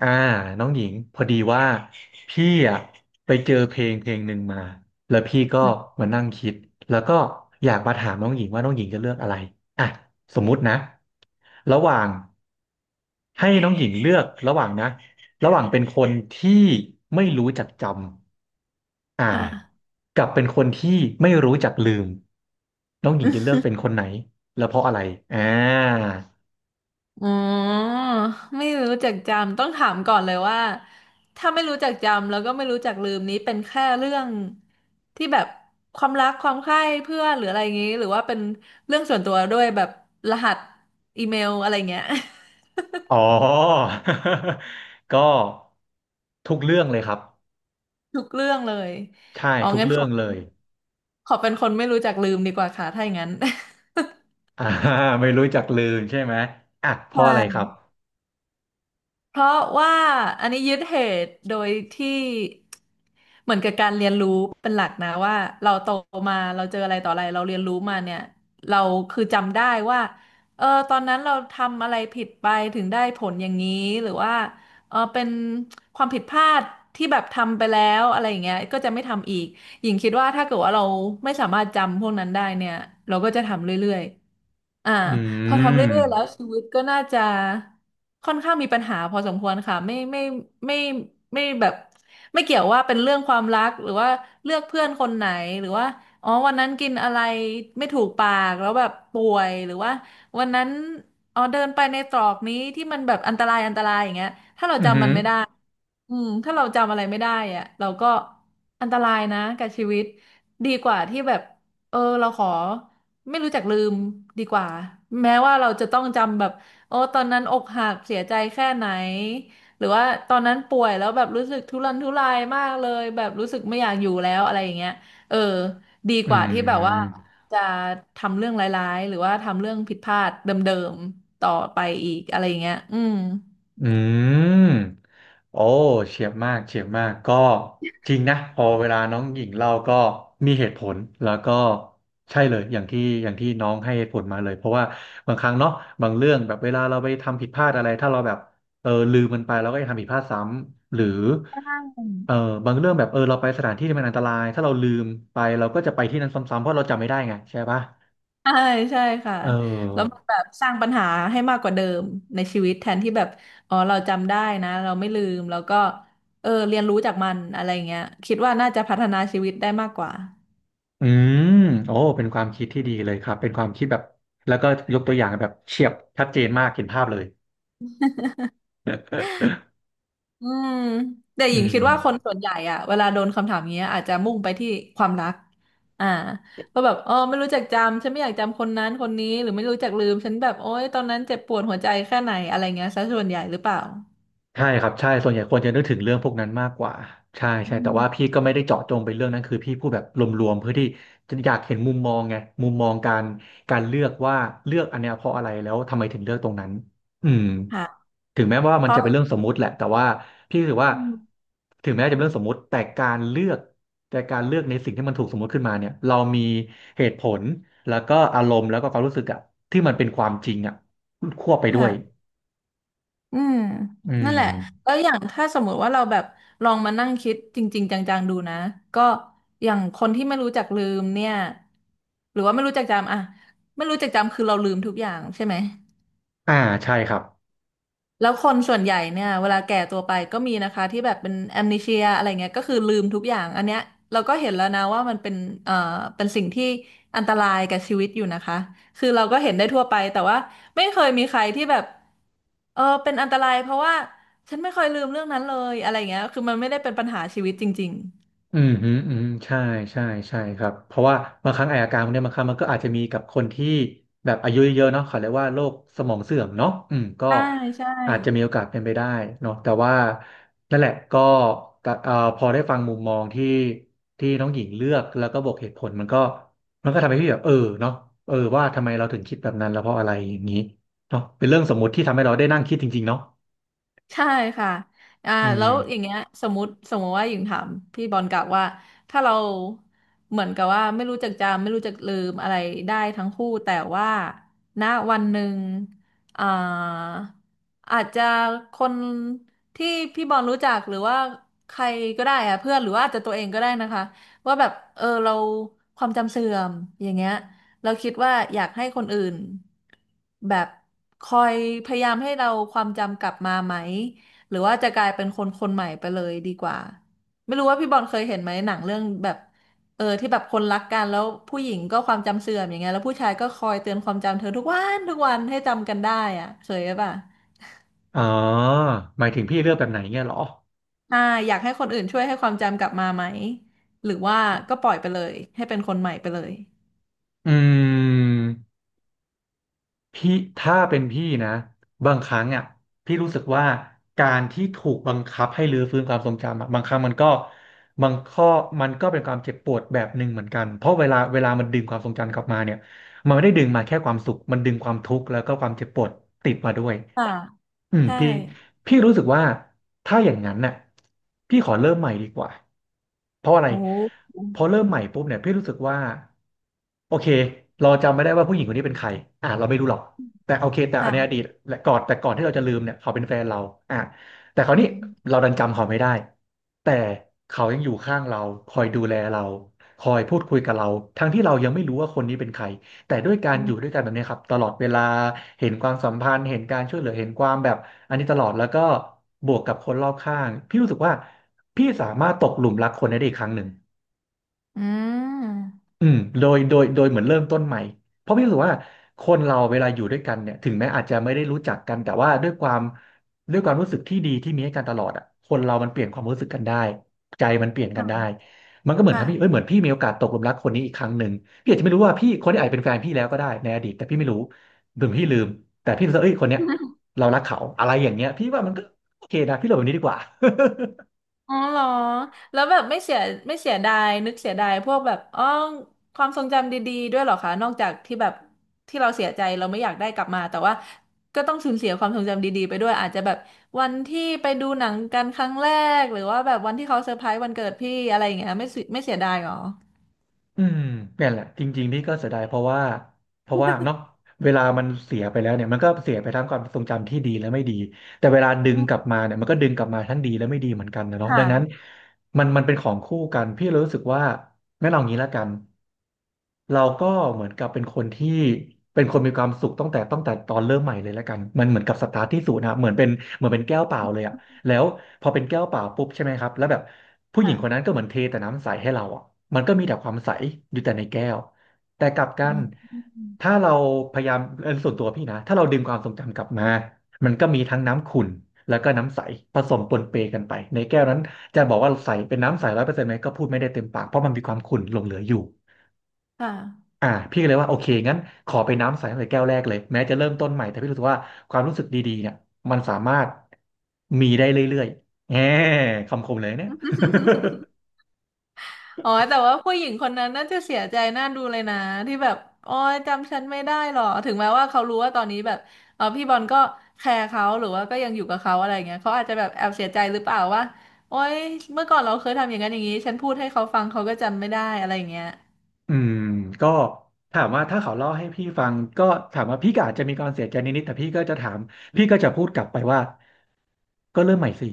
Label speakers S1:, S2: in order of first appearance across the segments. S1: อ่าน้องหญิงพอดีว่าพี่อ่ะไปเจอเพลงหนึ่งมาแล้วพี่ก็มานั่งคิดแล้วก็อยากมาถามน้องหญิงว่าน้องหญิงจะเลือกอะไรอ่ะสมมุตินะระหว่างให้น้องหญิงเลือกระหว่างนะระหว่างเป็นคนที่ไม่รู้จักจำ
S2: ค่ะ
S1: กับเป็นคนที่ไม่รู้จักลืมน้องหญิงจะเลือกเป็นค นไหนแล้วเพราะอะไรอ่า
S2: อ๋อ ไม่รู้จักจำต้องถามก่อนเลยว่าถ้าไม่รู้จักจำแล้วก็ไม่รู้จักลืมนี้เป็นแค่เรื่องที่แบบความรักความใคร่เพื่อนหรืออะไรอย่างงี้หรือว่าเป็นเรื่องส่วนตัวด้วยแบบรหัสอีเมลอะไรเงี้ย
S1: อ๋อ ก็ทุกเรื่องเลยครับ
S2: ทุกเรื่องเลย
S1: ใช่
S2: อ๋อ
S1: ทุก
S2: งั้นข
S1: เรื่อ
S2: อ
S1: งเลย
S2: ขอเป็นคนไม่รู้จักลืมดีกว่าค่ะถ้าอย่างนั้น
S1: อ่าไม่รู้จักลืมใช่ไหมอ่ะเพ
S2: ใช
S1: ราะอะไรครับ
S2: ่ เพราะว่าอันนี้ยึดเหตุโดยที่เหมือนกับการเรียนรู้เป็นหลักนะว่าเราโตมาเราเจออะไรต่ออะไรเราเรียนรู้มาเนี่ยเราคือจำได้ว่าเออตอนนั้นเราทำอะไรผิดไปถึงได้ผลอย่างนี้หรือว่าเออเป็นความผิดพลาดที่แบบทำไปแล้วอะไรอย่างเงี้ยก็จะไม่ทำอีกหญิงคิดว่าถ้าเกิดว่าเราไม่สามารถจำพวกนั้นได้เนี่ยเราก็จะทำเรื่อยๆอ่า
S1: อื
S2: พอทำ
S1: ม
S2: เรื่อยๆแล้วชีวิตก็น่าจะค่อนข้างมีปัญหาพอสมควรค่ะไม่ไม่แบบไม่เกี่ยวว่าเป็นเรื่องความรักหรือว่าเลือกเพื่อนคนไหนหรือว่าอ๋อวันนั้นกินอะไรไม่ถูกปากแล้วแบบป่วยหรือว่าวันนั้นอ๋อเดินไปในตรอกนี้ที่มันแบบอันตรายอันตรายอย่างเงี้ยถ้าเรา
S1: อืมอหื
S2: จำมั
S1: อ
S2: นไม่ได้ อืมถ้าเราจำอะไรไม่ได้อะเราก็อันตรายนะกับชีวิตดีกว่าที่แบบเออเราขอไม่รู้จักลืมดีกว่าแม้ว่าเราจะต้องจำแบบโอ้ตอนนั้นอกหักเสียใจแค่ไหนหรือว่าตอนนั้นป่วยแล้วแบบรู้สึกทุรนทุรายมากเลยแบบรู้สึกไม่อยากอยู่แล้วอะไรอย่างเงี้ยเออดี
S1: อื
S2: กว่าที่แบบว่า
S1: ม
S2: จะทำเรื่องร้ายๆหรือว่าทำเรื่องผิดพลาดเดิมๆต่อไปอีกอะไรอย่างเงี้ยอืม
S1: อืม โอ้เฉียบมากเฉียบมากก็จริงนะพอเวลาน้องหญิงเล่าก็มีเหตุผลแล้วก็ใช่เลยอย่างที่น้องให้เหตุผลมาเลยเพราะว่าบางครั้งเนาะบางเรื่องแบบเวลาเราไปทำผิดพลาดอะไรถ้าเราแบบเออลืมมันไปเราก็จะทำผิดพลาดซ้ำหรือเออบางเรื่องแบบเออเราไปสถานที่ที่มันอันตรายถ้าเราลืมไปเราก็จะไปที่นั้นซ้ำๆเพราะเราจำไม่ได้ไงใช่ปะ
S2: ใช่ใช่ค่ะ
S1: เออ
S2: แล้วมันแบบสร้างปัญหาให้มากกว่าเดิมในชีวิตแทนที่แบบอ๋อเราจำได้นะเราไม่ลืมแล้วก็เออเรียนรู้จากมันอะไรเงี้ยคิดว่าน่าจะพัฒนาชีวิตได้มากกว่า
S1: อืมโอ้เป็นความคิดที่ดีเลยครับเป็นความคิดแบบแล้วก็ยกตัวอย่างแบบเฉียบชัดเจนมากเห็นภาพเลย
S2: อืมแต่หญิ
S1: อื
S2: งคิดว่าคน
S1: ม
S2: ส่วนใหญ่อะเวลาโดนคำถามเงี้ยอาจจะมุ่งไปที่ความรักอ่าว่าแบบอ๋อไม่รู้จักจำฉันไม่อยากจำคนนั้นคนนี้หรือไม่รู้จักลืมฉันแบบโอ๊ยตอนนั้นเจ็บปวดหัวใจแค่ไหนอะไรเงี้ยซะส่วนใหญ่หรือเปล่า
S1: ใช่ครับใช่ส่วนใหญ่คนจะนึกถึงเรื่องพวกนั้นมากกว่าใช่
S2: อื
S1: ใช่แต่
S2: ม
S1: ว่าพี่ก็ไม่ได้เจาะจงไปเรื่องนั้นคือพี่พูดแบบรวมๆเพื่อที่จะอยากเห็นมุมมองไงมุมมองการเลือกว่าเลือกอันเนี้ยเพราะอะไรแล้วทำไมถึงเลือกตรงนั้นอืม
S2: ค่ะ
S1: ถึงแม้ว่า
S2: เพ
S1: มัน
S2: ราะ
S1: จะเป็นเรื่องสมมุติแหละแต่ว่าพี่รู้สึกว่า
S2: อืม
S1: ถึงแม้จะเป็นเรื่องสมมุติแต่การเลือกในสิ่งที่มันถูกสมมุติขึ้นมาเนี่ยเรามีเหตุผลแล้วก็อารมณ์แล้วก็ความรู้สึกอะที่มันเป็นความจริงอะควบไปด้วย
S2: ค่ะ อืม
S1: อื
S2: นั่น
S1: ม
S2: แหละแล้วอย่างถ้าสมมุติว่าเราแบบลองมานั่งคิดจริงๆจังๆดูนะก็อย่างคนที่ไม่รู้จักลืมเนี่ยหรือว่าไม่รู้จักจำอะไม่รู้จักจำคือเราลืมทุกอย่างใช่ไหม
S1: อ่าใช่ครับ
S2: แล้วคนส่วนใหญ่เนี่ยเวลาแก่ตัวไปก็มีนะคะที่แบบเป็นแอมเนเชียอะไรเงี้ยก็คือลืมทุกอย่างอันเนี้ยเราก็เห็นแล้วนะว่ามันเป็นเอ่อเป็นสิ่งที่อันตรายกับชีวิตอยู่นะคะคือเราก็เห็นได้ทั่วไปแต่ว่าไม่เคยมีใครที่แบบเออเป็นอันตรายเพราะว่าฉันไม่เคยลืมเรื่องนั้นเลยอะไรเงี้ยคือมันไม่ได้เป็นปัญหาชีวิตจริง
S1: อืมฮึอืมใช่ใช่ครับเพราะว่าบางครั้งไออาการพวกเนี้ยบางครั้งมันก็อาจจะมีกับคนที่แบบอายุเยอะๆเนาะเขาเรียกว่าโรคสมองเสื่อมเนาะอืมก็
S2: ๆใช่ใช่
S1: อาจจะมีโอกาสเป็นไปได้เนาะแต่ว่านั่นแหละก็แต่พอได้ฟังมุมมองที่น้องหญิงเลือกแล้วก็บอกเหตุผลมันก็ทำให้พี่แบบเออเนาะเออว่าทำไมเราถึงคิดแบบนั้นแล้วเพราะอะไรอย่างนี้เนาะเป็นเรื่องสมมุติที่ทำให้เราได้นั่งคิดจริงๆเนาะ
S2: ใช่ค่ะอ่า
S1: อื
S2: แล้วอ
S1: ม
S2: ย่างเงี้ยสมมติว่าหญิงถามพี่บอลกลับว่าถ้าเราเหมือนกับว่าไม่รู้จักจำไม่รู้จักลืมอะไรได้ทั้งคู่แต่ว่าณวันหนึ่งอ่าอาจจะคนที่พี่บอลรู้จักหรือว่าใครก็ได้อะเพื่อนหรือว่าอาจจะตัวเองก็ได้นะคะว่าแบบเออเราความจำเสื่อมอย่างเงี้ย เราคิดว่าอยากให้คนอื่นแบบคอยพยายามให้เราความจำกลับมาไหมหรือว่าจะกลายเป็นคนคนใหม่ไปเลยดีกว่าไม่รู้ว่าพี่บอลเคยเห็นไหมหนังเรื่องแบบเออที่แบบคนรักกันแล้วผู้หญิงก็ความจำเสื่อมอย่างเงี้ยแล้วผู้ชายก็คอยเตือนความจำเธอทุกวันทุกวันให้จำกันได้อะเคยป่ะ
S1: อ๋อหมายถึงพี่เลือกแบบไหนเงี้ยเหรอ
S2: อ่าอยากให้คนอื่นช่วยให้ความจำกลับมาไหมหรือว่าก็ปล่อยไปเลยให้เป็นคนใหม่ไปเลย
S1: อืม พี่ถ้าเป็นพี่นะบางครั้งอ่ะพี่รู้สึกว่าการที่ถูกบังคับให้รื้อฟื้นความทรงจำอะบางครั้งมันก็บางข้อมันก็เป็นความเจ็บปวดแบบหนึ่งเหมือนกันเพราะเวลามันดึงความทรงจำกลับมาเนี่ยมันไม่ได้ดึงมาแค่ความสุขมันดึงความทุกข์แล้วก็ความเจ็บปวดติดมาด้วย
S2: ค่ะ
S1: อืม
S2: ใช่
S1: พี่ พี่รู้สึกว่าถ้าอย่างนั้นน่ะพี่ขอเริ่มใหม่ดีกว่าเพราะอะไร
S2: โอ้
S1: พอเริ่มใหม่ปุ๊บเนี่ยพี่รู้สึกว่าโอเคเราจำไม่ได้ว่าผู้หญิงคนนี้เป็นใครอ่ะเราไม่รู้หรอกแต่โอเคแต่อันในอดี
S2: ค่ะ
S1: ตและก่อนก่อนที่เราจะลืมเนี่ยเขาเป็นแฟนเราอ่ะแต่คราว
S2: อื
S1: นี้
S2: ม
S1: เราดันจำเขาไม่ได้แต่เขายังอยู่ข้างเราคอยดูแลเราคอยพูดคุยกับเราทั้งที่เรายังไม่รู้ว่าคนนี้เป็นใคร แต่ด้วยการ
S2: อื
S1: อยู่ด้
S2: ม
S1: วยกันแบบนี้ครับตลอดเวลาเห็นความสัมพันธ์เห็นการช่วยเหลือเห็นความแบบอันนี้ตลอดแล้วก็บวกกับคนรอบข้างพี่รู้สึกว่าพี่สามารถตกหลุมรักคนได้อีกครั้งหนึ่ง
S2: อืม
S1: อืมโดยเหมือนเริ่มต้นใหม่เพราะพี่รู้สึกว่าคนเราเวลาอยู่ด้วยกันเนี่ยถึงแม้อาจจะไม่ได้รู้จักกันแต่ว่าด้วยความรู้สึกที่ดีที่มีให้กันตลอดอ่ะคนเรามันเปลี่ยนความรู้สึกกันได้ใจมันเปลี่ยนกันได้
S2: ค่ะ
S1: มันก็เหมือนทำให้เอ้ยเห
S2: ค่ะ
S1: มือนพี่มีโอกาสตกหลุมรักคนนี้อีกครั้งหนึ่งพี่อาจจะไม่รู้ว่าพี่คนนี้อาจเป็นแฟนพี่แล้วก็ได้ในอดีตแต่พี่ไม่รู้หรือพี่ลืมแต่พี่รู้สึกว่าเอ้ยคนเนี้ยเรารักเขาอะไรอย่างเงี้ยพี่ว่ามันก็โอเคนะพี่เราแบบนี้ดีกว่า
S2: อ๋อเหรอแล้วแบบไม่เสียดายนึกเสียดายพวกแบบอ๋อความทรงจำดีๆด้วยเหรอคะนอกจากที่แบบที่เราเสียใจเราไม่อยากได้กลับมาแต่ว่าก็ต้องสูญเสียความทรงจำดีๆไปด้วยอาจจะแบบวันที่ไปดูหนังกันครั้งแรกหรือว่าแบบวันที่เขาเซอร์ไพรส์วันเกิดพี่อะไรอย่างเงี้ยไม่เสียดายเหรอ
S1: อืมเนี่ยแหละจริงๆนี่ก็เสียดายเพราะว่าเนาะเวลามันเสียไปแล้วเนี่ยมันก็เสียไปทั้งความทรงจำที่ดีและไม่ดีแต่เวลาดึ
S2: อื
S1: ง
S2: ม
S1: กลับมาเนี่ยมันก็ดึงกลับมาทั้งดีและไม่ดีเหมือนกันนะเนาะดังนั้น
S2: ค่ะ
S1: มันเป็นของคู่กันพี่เลยรู้สึกว่างั้นเอางี้ละกันเราก็เหมือนกับเป็นคนที่เป็นคนมีความสุขตั้งแต่ตอนเริ่มใหม่เลยละกันมันเหมือนกับสตาร์ทที่ศูนย์นะเหมือนเป็นเหมือนเป็นแก้วเปล่าเลยอะ แล้วพอเป็นแก้วเปล่าปุ๊บใช่ไหมครับแล้วแบบผู้หญิงคนนั้น
S2: ค่ะ
S1: ก็เหมือนเทแต่น้ำใสให้เราอ่ะมันก็มีแต่ความใสอยู่แต่ในแก้วแต่กลับกั
S2: อื
S1: น
S2: ม
S1: ถ้าเราพยายามส่วนตัวพี่นะถ้าเราดึงความทรงจำกลับมามันก็มีทั้งน้ำขุ่นแล้วก็น้ำใสผสมปนเปกันไปในแก้วนั้นจะบอกว่าใสเป็นน้ำใสร้อยเปอร์เซ็นต์ไหมก็พูดไม่ได้เต็มปากเพราะมันมีความขุ่นหลงเหลืออยู่
S2: ค่ะ
S1: อ่าพี่ก็เลยว่าโอเคงั้นขอไปน้ำใสตั้งแต่แก้วแรกเลยแม้จะเริ่มต้นใหม่แต่พี่รู้สึกว่าความรู้สึกดีๆเนี่ยมันสามารถมีได้เรื่อยๆแหมคำคมเลยเนี่ย
S2: อ๋อแต่ว่าผู้หญิงคนนั้นน่าจะเสียใจน่าดูเลยนะที่แบบอ๋อจำฉันไม่ได้หรอถึงแม้ว่าเขารู้ว่าตอนนี้แบบเออพี่บอลก็แคร์เขาหรือว่าก็ยังอยู่กับเขาอะไรเงี้ยเขาอาจจะแบบแอบเสียใจหรือเปล่าว่าโอ๊ยเมื่อก่อนเราเคยทำอย่างนั้นอย่างนี้ฉันพูดให้เขาฟังเขาก็จำไม่ได้อะไรเงี้ย
S1: อืมก็ถามว่าถ้าเขาเล่าให้พี่ฟังก็ถามว่าพี่ก็อาจจะมีความเสียใจนิดๆแต่พี่ก็จะถามพี่ก็จะพูดกลับไปว่าก็เริ่มใหม่สิ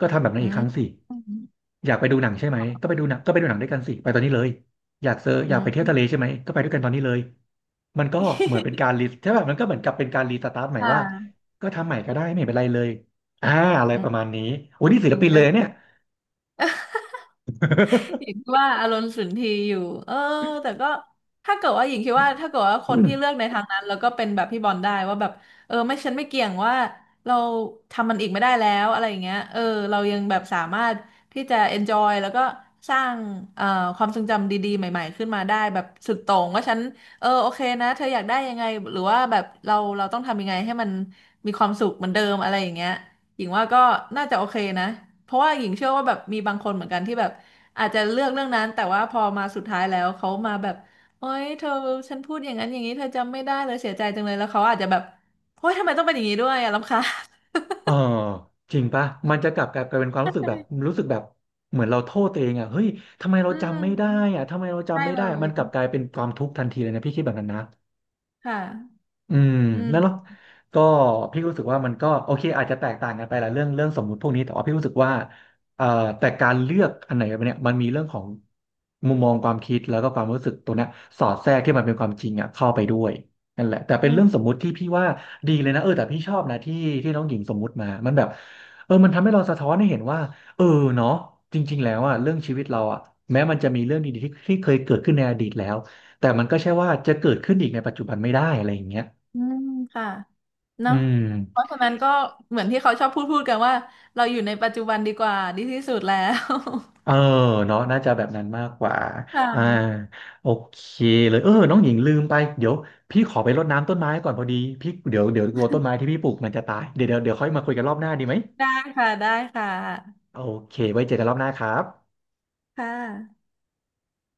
S1: ก็ทำแบบนั้
S2: อื
S1: นอีกค
S2: ม
S1: รั้งสิ
S2: อืม
S1: อยากไปดูหนังใช่ไหมก็ไปดูหนังก็ไปดูหนังด้วยกันสิไปตอนนี้เลยอ
S2: อื
S1: ยากไป
S2: ม
S1: เที่ยวทะเลใช่ไหมก็ไปด้วยกันตอนนี้เลยมันก็เหมือนเป็นการ รีใช่ป่ะมันก็เหมือนกับเป็นการรีสตาร์ทใหม่
S2: ค
S1: ว่า
S2: ่ะ
S1: ก็ทำใหม่ก็ได้ไม่เป็นไรเลยอ่าอะไร
S2: อื
S1: ป
S2: ม
S1: ระมาณนี้โอ้
S2: ก็
S1: นี่ศิ
S2: จ
S1: ล
S2: ริง
S1: ปินเล
S2: ก็
S1: ยเนี่ย
S2: หญิงว่าอารมณ์สุนทรีย์อยู่เออแต่ก็ถ้าเกิดว่าหญิงคิดว่าถ้าเกิดว่าคนที่เลือ กในทางนั้นแล้วก็เป็นแบบพี่บอลได้ว่าแบบเออไม่ฉันไม่เกี่ยงว่าเราทำมันอีกไม่ได้แล้วอะไรอย่างเงี้ยเออเรายังแบบสามารถที่จะ enjoy แล้วก็สร้างเอ่อความทรงจำดีๆใหม่ๆขึ้นมาได้แบบสุดโต่งว่าฉันเออโอเคนะเธออยากได้ยังไงหรือว่าแบบเราต้องทำยังไงให้มันมีความสุขเหมือนเดิมอะไรอย่างเงี้ยหญิงว่าก็น่าจะโอเคนะเพราะว่าหญิงเชื่อว่าแบบมีบางคนเหมือนกันที่แบบ อาจจะเลือกเรื่องนั้นแต่ว่าพอมาสุดท้ายแล้วเขามาแบบโอ๊ยเธอฉันพูดอย่างนั้นอย่างนี้เธอจำไม่ได้เลยเสียใจจังเลยแล้วเขาอาจจะแบบโอ๊ยทำไมต้องเป็นอย่างนี้ด้วยอ่ะรำคาญ
S1: เออจริงปะมันจะกลับกลายเป็นความรู้สึกแบบรู้สึกแบบเหมือนเราโทษตัวเองอ่ะเฮ้ยทำไม เรา
S2: อื
S1: จำไม่
S2: ม
S1: ได้อ่ะทำไมเรา
S2: ได้
S1: จำไม่
S2: เล
S1: ได้มั
S2: ย
S1: นกลับกลายเป็นความทุกข์ทันทีเลยนะพี่คิดแบบนั้นนะ
S2: ค่ะ
S1: อืม
S2: อื
S1: นั่นเนาะ
S2: ม
S1: ก็พี่รู้สึกว่ามันก็โอเคอาจจะแตกต่างกันไปละเรื่องสมมุติพวกนี้แต่ว่าพี่รู้สึกว่าเอ่อแต่การเลือกอันไหนเนี่ยมันมีเรื่องของมุมมองความคิดแล้วก็ความรู้สึกตัวเนี้ยสอดแทรกที่มันเป็นความจริงอ่ะเข้าไปด้วยนั่นแหละแต่เป็
S2: อื
S1: นเรื่องส
S2: ม
S1: มมุติที่พี่ว่าดีเลยนะเออแต่พี่ชอบนะที่น้องหญิงสมมุติมามันแบบเออมันทำให้เราสะท้อนให้เห็นว่าเออเนาะจริงๆแล้วอ่ะเรื่องชีวิตเราอ่ะแม้มันจะมีเรื่องดีๆที่เคยเกิดขึ้นในอดีตแล้วแต่มันก็ใช่ว่าจะเกิดขึ้นอีกในปัจจุบันไม่ได้อะไรอย่างเงี้ย
S2: อืมค่ะ
S1: อื
S2: เนาะ
S1: ม
S2: เพราะฉะนั้นก็เหมือนที่เขาชอบพูดกันว่าเราอยู่ในปัจจุบันดีกว่าดีที่สุดแล้ว
S1: เออเนาะน่าจะแบบนั้นมากกว่า อ่า
S2: ค่ะ
S1: โอเคเลยเออน้องหญิงลืมไปเดี๋ยวพี่ขอไปรดน้ำต้นไม้ก่อนพอดีพี่เดี๋ยวกลัวต้นไม้ที่พี่ปลูกมันจะตายเดี๋ยวค่อยมาคุยกันรอบหน้าดีไหม
S2: ได้ค่ะได้ค่ะ
S1: โอเคไว้เจอกันรอบหน้าครับ
S2: ค่ะ